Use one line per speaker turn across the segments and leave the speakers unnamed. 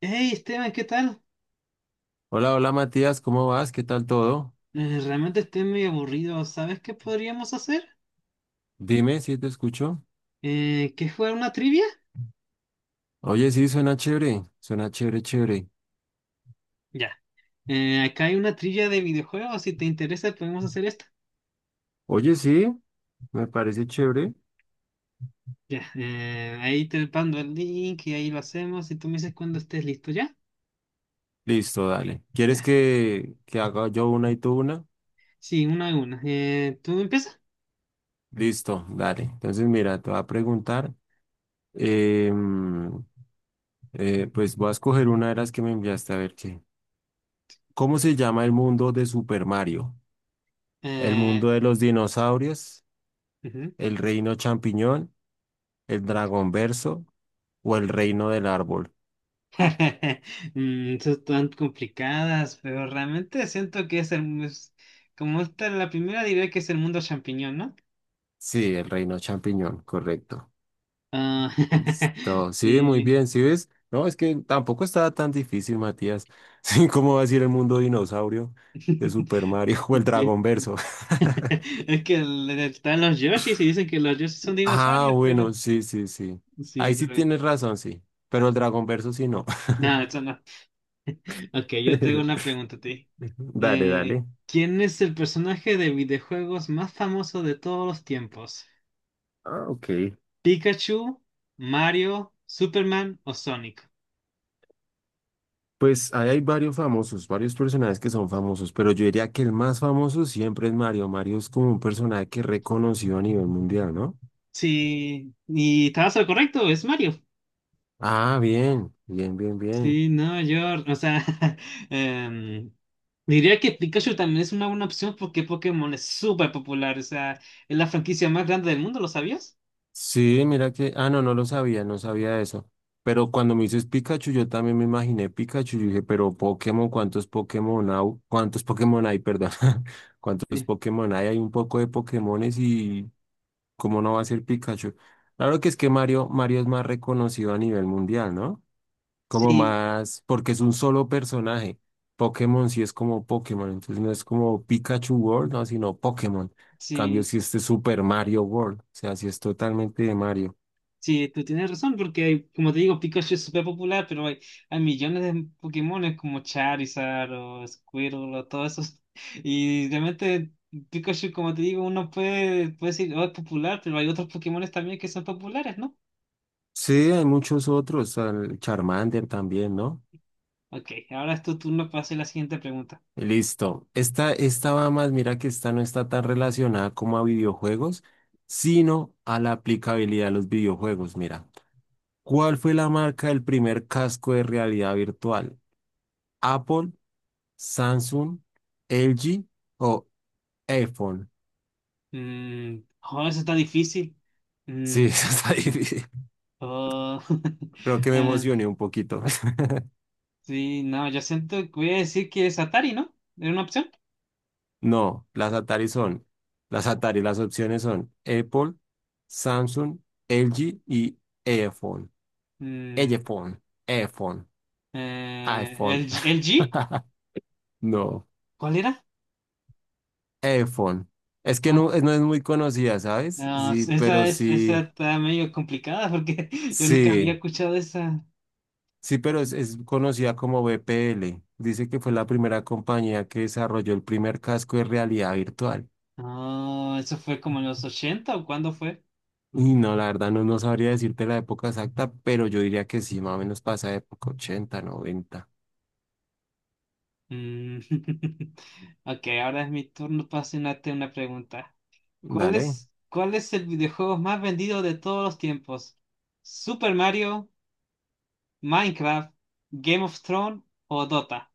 Hey Esteban, ¿qué tal?
Hola, hola Matías, ¿cómo vas? ¿Qué tal todo?
Realmente estoy medio aburrido. ¿Sabes qué podríamos hacer?
Dime si te escucho.
¿Qué jugar una trivia?
Oye, sí, suena chévere, chévere.
Ya. Acá hay una trivia de videojuegos. Si te interesa, podemos hacer esta.
Oye, sí, me parece chévere.
Ya. Ahí te mando el link y ahí lo hacemos. Y tú me dices cuando estés listo, ¿ya?
Listo, dale. ¿Quieres
Ya.
que haga yo una y tú una?
Sí, una a una. ¿Tú empiezas?
Listo, dale. Entonces, mira, te voy a preguntar. em, pues voy a escoger una de las que me enviaste a ver qué. ¿Cómo se llama el mundo de Super Mario? ¿El
Eh,
mundo de los dinosaurios?
Ujú.
¿El reino champiñón? ¿El dragón verso? ¿O el reino del árbol?
Son tan complicadas, pero realmente siento que como esta es la primera, diría que es el mundo champiñón, ¿no?
Sí, el reino champiñón, correcto.
Ah,
Listo. Sí, muy
sí.
bien, ¿sí ves? No, es que tampoco estaba tan difícil, Matías. Sí, ¿cómo va a ser el mundo dinosaurio de Super Mario o el
Sí.
Dragón Verso?
Es que están los Yoshis y dicen que los Yoshis son
Ah,
dinosaurios, pero
bueno, sí, sí, sí.
sí,
Ahí sí
pero
tienes razón, sí. Pero el Dragón Verso sí no.
nada, eso no. Ok, yo tengo una pregunta a ti.
Dale,
Eh,
dale.
¿Quién es el personaje de videojuegos más famoso de todos los tiempos?
Ah, ok.
¿Pikachu, Mario, Superman o Sonic?
Pues ahí hay varios famosos, varios personajes que son famosos, pero yo diría que el más famoso siempre es Mario. Mario es como un personaje que es reconocido a nivel mundial, ¿no?
Sí, y estabas al correcto, es Mario.
Ah, bien, bien, bien, bien.
Sí, no, o sea, em, diría que Pikachu también es una buena opción porque Pokémon es súper popular, o sea, es la franquicia más grande del mundo, ¿lo sabías?
Sí, mira que, ah, no, no lo sabía, no sabía eso. Pero cuando me dices Pikachu, yo también me imaginé Pikachu. Yo dije, pero Pokémon, ¿cuántos Pokémon hay? ¿Cuántos Pokémon hay? Perdón. ¿Cuántos
Sí.
Pokémon hay? Hay un poco de Pokémones y ¿cómo no va a ser Pikachu? Claro que es que Mario, Mario es más reconocido a nivel mundial, ¿no? Como
Sí,
más, porque es un solo personaje. Pokémon sí es como Pokémon, entonces no es como Pikachu World, no, sino Pokémon. En cambio,
sí,
si este es Super Mario World, o sea, si es totalmente de Mario.
sí, tú tienes razón porque, como te digo, Pikachu es súper popular, pero hay millones de Pokémones como Charizard o Squirtle o todo eso, y realmente Pikachu, como te digo, puede decir, oh, es popular, pero hay otros Pokémones también que son populares, ¿no?
Sí, hay muchos otros, el Charmander también, ¿no?
Ok, ahora es tu turno para hacer la siguiente pregunta.
Listo. Esta va más, mira que esta no está tan relacionada como a videojuegos, sino a la aplicabilidad de los videojuegos. Mira, ¿cuál fue la marca del primer casco de realidad virtual? ¿Apple? Samsung, LG o iPhone.
Mm, joder, eso está difícil. Mm,
Sí, eso está difícil.
oh,
Creo que me
eh,
emocioné un poquito.
sí, no, yo siento que voy a decir que es Atari, ¿no? ¿Era una opción?
No, las Atari son, las Atari, las opciones son Apple, Samsung, LG y iPhone.
Mm,
iPhone, iPhone,
¿El,
iPhone.
El G?
No,
¿Cuál era?
iPhone. Es que
Oh,
no, no es muy conocida, ¿sabes?
no,
Sí, pero
esa
sí,
está medio complicada porque yo nunca había
sí.
escuchado esa.
Sí, pero es conocida como BPL. Dice que fue la primera compañía que desarrolló el primer casco de realidad virtual.
¿No? Eso fue como en los ochenta, ¿o cuándo fue?
Y no, la verdad no, no sabría decirte la época exacta, pero yo diría que sí, más o menos pasa de época ochenta noventa.
Mm. Ok, ahora es mi turno para hacerte una pregunta.
Dale.
¿Cuál es el videojuego más vendido de todos los tiempos? ¿Super Mario, Minecraft, Game of Thrones o Dota?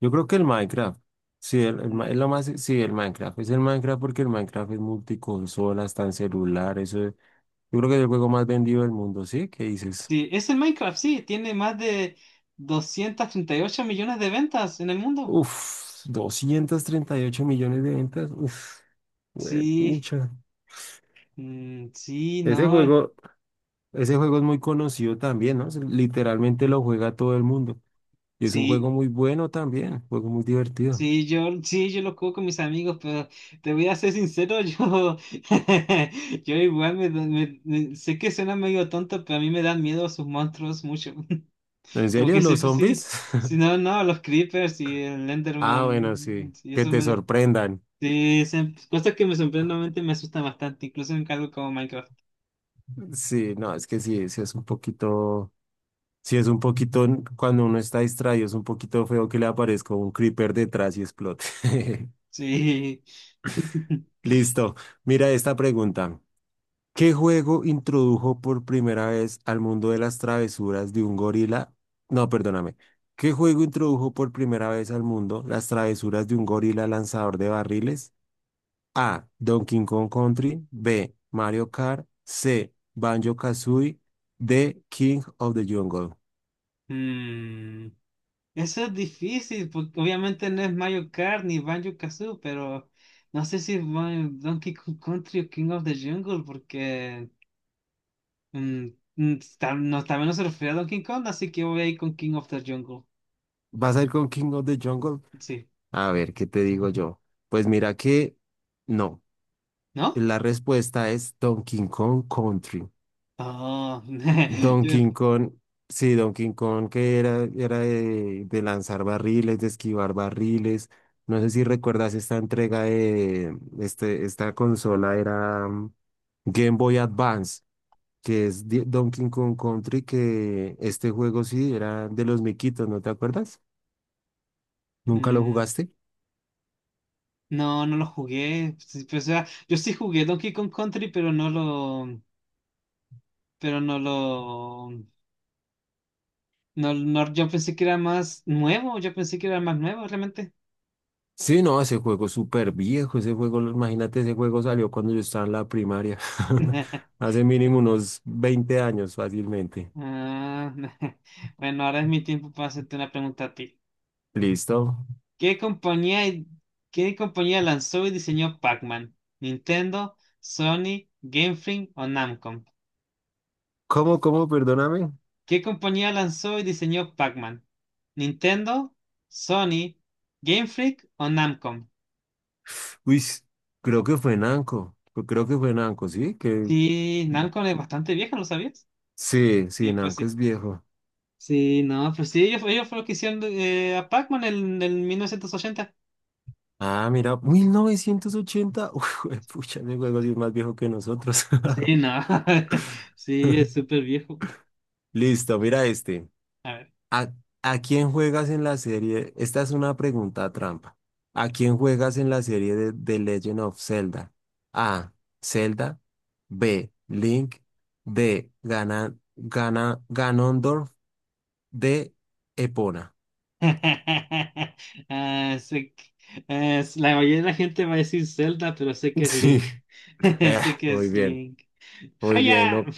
Yo creo que el Minecraft. Sí, el es
Mm.
lo más, sí, el Minecraft. Es el Minecraft porque el Minecraft es multiconsola, está en celular. Yo creo que es el juego más vendido del mundo, ¿sí? ¿Qué dices?
Sí, es el Minecraft, sí, tiene más de 238 millones de ventas en el mundo.
Uf, 238 millones de ventas. Uf,
Sí,
pucha.
mm, sí,
Ese
no,
juego, ese juego es muy conocido también, ¿no? Literalmente lo juega todo el mundo. Y es un juego
sí,
muy bueno también, un juego muy divertido.
sí, sí, yo lo juego con mis amigos, pero te voy a ser sincero, yo igual sé que suena medio tonto, pero a mí me dan miedo sus monstruos mucho.
¿En
Como
serio,
que sí,
los
sí,
zombies?
si no, no, los creepers y el
Ah, bueno,
Enderman,
sí, que te sorprendan.
sí, cosas que me sorprendentemente me asustan bastante, incluso en algo como Minecraft.
Sí, no, es que sí, sí es un poquito, cuando uno está distraído, es un poquito feo que le aparezca un creeper detrás y explote.
Sí.
Listo, mira esta pregunta. ¿Qué juego introdujo por primera vez al mundo de las travesuras de un gorila? No, perdóname. ¿Qué juego introdujo por primera vez al mundo las travesuras de un gorila lanzador de barriles? A. Donkey Kong Country. B. Mario Kart. C. Banjo-Kazooie. D. King of the Jungle.
Mm, eso es difícil, porque obviamente no es Mario Kart ni Banjo-Kazooie, pero no sé si es Donkey Kong Country o King of the Jungle, porque mm, no, también no se refiere a Donkey Kong, así que voy a ir con King of the Jungle.
¿Vas a ir con King of the Jungle?
Sí,
A ver, ¿qué te digo yo? Pues mira que no.
¿no?
La respuesta es Donkey Kong Country.
Oh, yo-
Donkey Kong, sí, Donkey Kong que era de, lanzar barriles, de esquivar barriles. No sé si recuerdas esta entrega de esta consola era Game Boy Advance, que es Donkey Kong Country, que este juego sí era de los miquitos, ¿no te acuerdas? ¿Nunca lo
mm,
jugaste?
no, no lo jugué. Sí, pues, o sea, yo sí jugué Donkey Kong Country, pero no lo, no, no- yo pensé que era más nuevo, yo pensé que era más nuevo realmente.
Sí, no, ese juego es súper viejo, ese juego, imagínate, ese juego salió cuando yo estaba en la primaria, hace mínimo unos 20 años fácilmente.
Ah, bueno, ahora es mi tiempo para hacerte una pregunta a ti.
Listo.
¿Qué compañía, ¿qué compañía lanzó y diseñó Pac-Man? ¿Nintendo, Sony, Game Freak o Namco?
¿Cómo, perdóname?
¿Qué compañía lanzó y diseñó Pac-Man? Nintendo, Sony, Game Freak o Namcom.
Uy, creo que fue Nanco. Pues creo que fue Nanco, ¿sí? Que
Sí, Namcom es bastante vieja, ¿lo sabías?
sí, sí,
Sí, pues
Nanco es
sí.
viejo.
Sí, no, pues sí, ellos fueron los que hicieron a Pac-Man en 1980.
Ah, mira, 1980. Uy, pucha, ese juego sí es más viejo que nosotros.
Sí, no. Sí, es súper viejo.
Listo, mira este.
A ver.
¿A, a quién juegas en la serie? Esta es una pregunta trampa. ¿A quién juegas en la serie de The Legend of Zelda? A. Zelda. B. Link. D. Ganon, Ganondorf. De Epona.
Ah, la mayoría de la gente va a decir Zelda, pero sé que es
Sí.
Link.
Eh,
Sé que
muy
es
bien,
Link.
muy bien.
¡Haya!
No,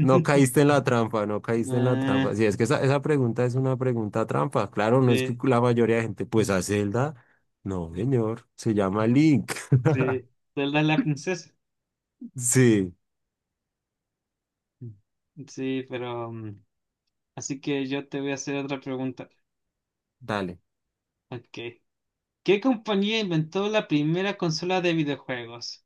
no caíste en la trampa, no caíste en la trampa.
Ah,
Sí, es que esa pregunta es una pregunta trampa. Claro, no es que
sí,
la mayoría de gente, pues a Zelda. No, señor, se llama Link.
sí. Zelda es la princesa.
Sí,
Sí, pero... así que yo te voy a hacer otra pregunta.
dale.
Ok. ¿Qué compañía inventó la primera consola de videojuegos?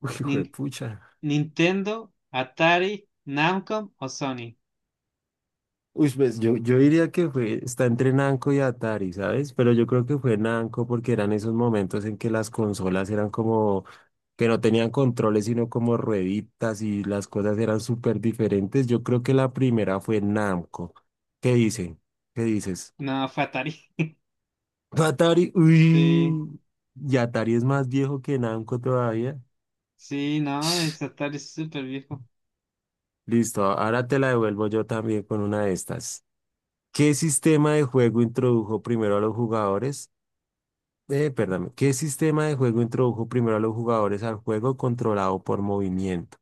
Uy, hijo de
Nin-
pucha.
¿Nintendo, Atari, Namco o Sony?
Uy, pues yo diría que fue, está entre Namco y Atari, ¿sabes? Pero yo creo que fue Namco porque eran esos momentos en que las consolas eran como que no tenían controles, sino como rueditas y las cosas eran súper diferentes. Yo creo que la primera fue Namco. ¿Qué dicen? ¿Qué dices?
No, fue Atari.
Atari,
Sí,
uy, y Atari es más viejo que Namco todavía.
sí, no, es Atari, es súper viejo.
Listo, ahora te la devuelvo yo también con una de estas. ¿Qué sistema de juego introdujo primero a los jugadores? Perdón, ¿qué sistema de juego introdujo primero a los jugadores al juego controlado por movimiento?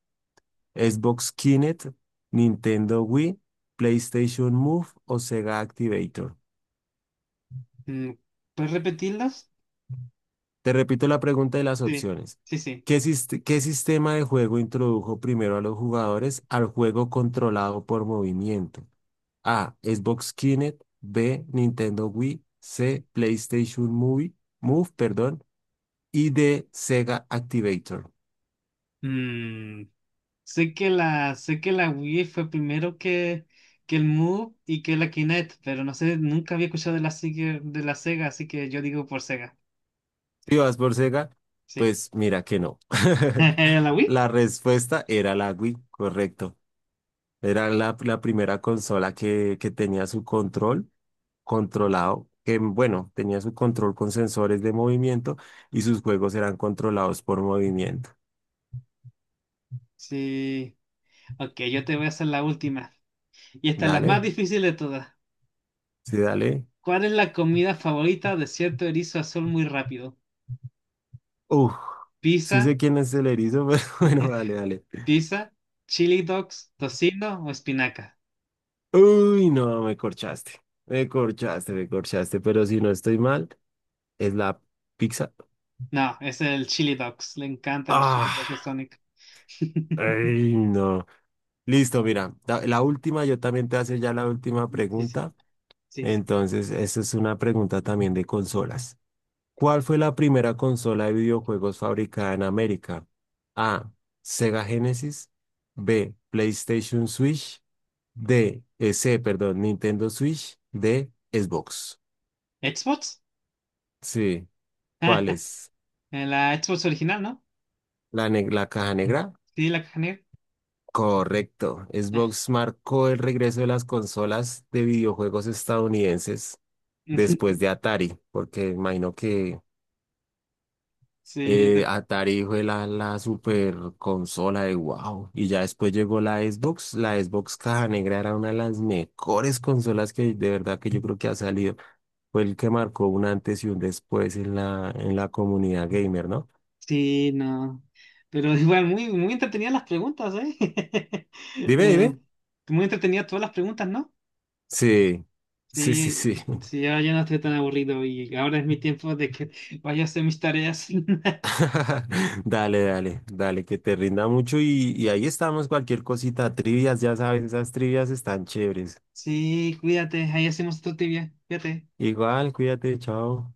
¿Xbox Kinect, Nintendo Wii, PlayStation Move o Sega Activator?
Mm, ¿puedes repetirlas?
Te repito la pregunta y las
Sí,
opciones.
sí, sí.
¿Qué sistema de juego introdujo primero a los jugadores al juego controlado por movimiento? A. Xbox Kinect, B. Nintendo Wii, C. PlayStation Movie, Move, perdón, y D. Sega Activator.
Mm, sé que la Wii fue primero que el Move y que la Kinect, pero no sé, nunca había escuchado de la Sega, así que yo digo por Sega.
Si vas por Sega,
Sí.
pues mira que no.
¿La Wii?
La respuesta era la Wii, correcto. Era la primera consola que tenía su control que bueno, tenía su control con sensores de movimiento y sus juegos eran controlados por movimiento.
Sí. Ok, yo te voy a hacer la última. Y esta es la más
Dale,
difícil de todas.
sí, dale.
¿Cuál es la comida favorita de cierto erizo azul muy rápido?
Uf, sí
¿Pizza,
sé quién es el erizo, pero bueno, dale, dale.
¿pizza, chili dogs, tocino o espinaca?
Uy, no, me corchaste. Me corchaste, me corchaste, pero si no estoy mal, es la pizza.
No, es el chili dogs. Le encantan los chili
Ah.
dogs a Sonic.
Ay, no. Listo, mira, la última, yo también te hace ya la última
Sí, sí,
pregunta.
sí, sí.
Entonces, esta es una pregunta también de consolas. ¿Cuál fue la primera consola de videojuegos fabricada en América? A. Sega Genesis. B. PlayStation Switch. D. C, perdón, Nintendo Switch. D. Xbox.
¿Xbox?
Sí. ¿Cuál es?
En la Xbox original, ¿no?
¿La caja negra?
Sí, la caja negra.
Correcto.
Ah.
Xbox marcó el regreso de las consolas de videojuegos estadounidenses después de Atari, porque imagino que
Sí, de-
Atari fue la super consola de wow. Y ya después llegó la Xbox. La Xbox Caja Negra era una de las mejores consolas que de verdad que yo creo que ha salido. Fue el que marcó un antes y un después en la comunidad gamer, ¿no?
sí, no. Pero igual, muy, muy entretenidas las preguntas, ¿eh?
Dime, dime.
Eh, muy entretenidas todas las preguntas, ¿no?
Sí, sí, sí,
Sí,
sí.
sí, ahora ya no estoy tan aburrido y ahora es mi tiempo de que vaya a hacer mis tareas.
Dale, dale, dale, que te rinda mucho y ahí estamos, cualquier cosita, trivias, ya sabes, esas trivias están chéveres.
Sí, cuídate, ahí hacemos otro tibia. Cuídate.
Igual, cuídate, chao.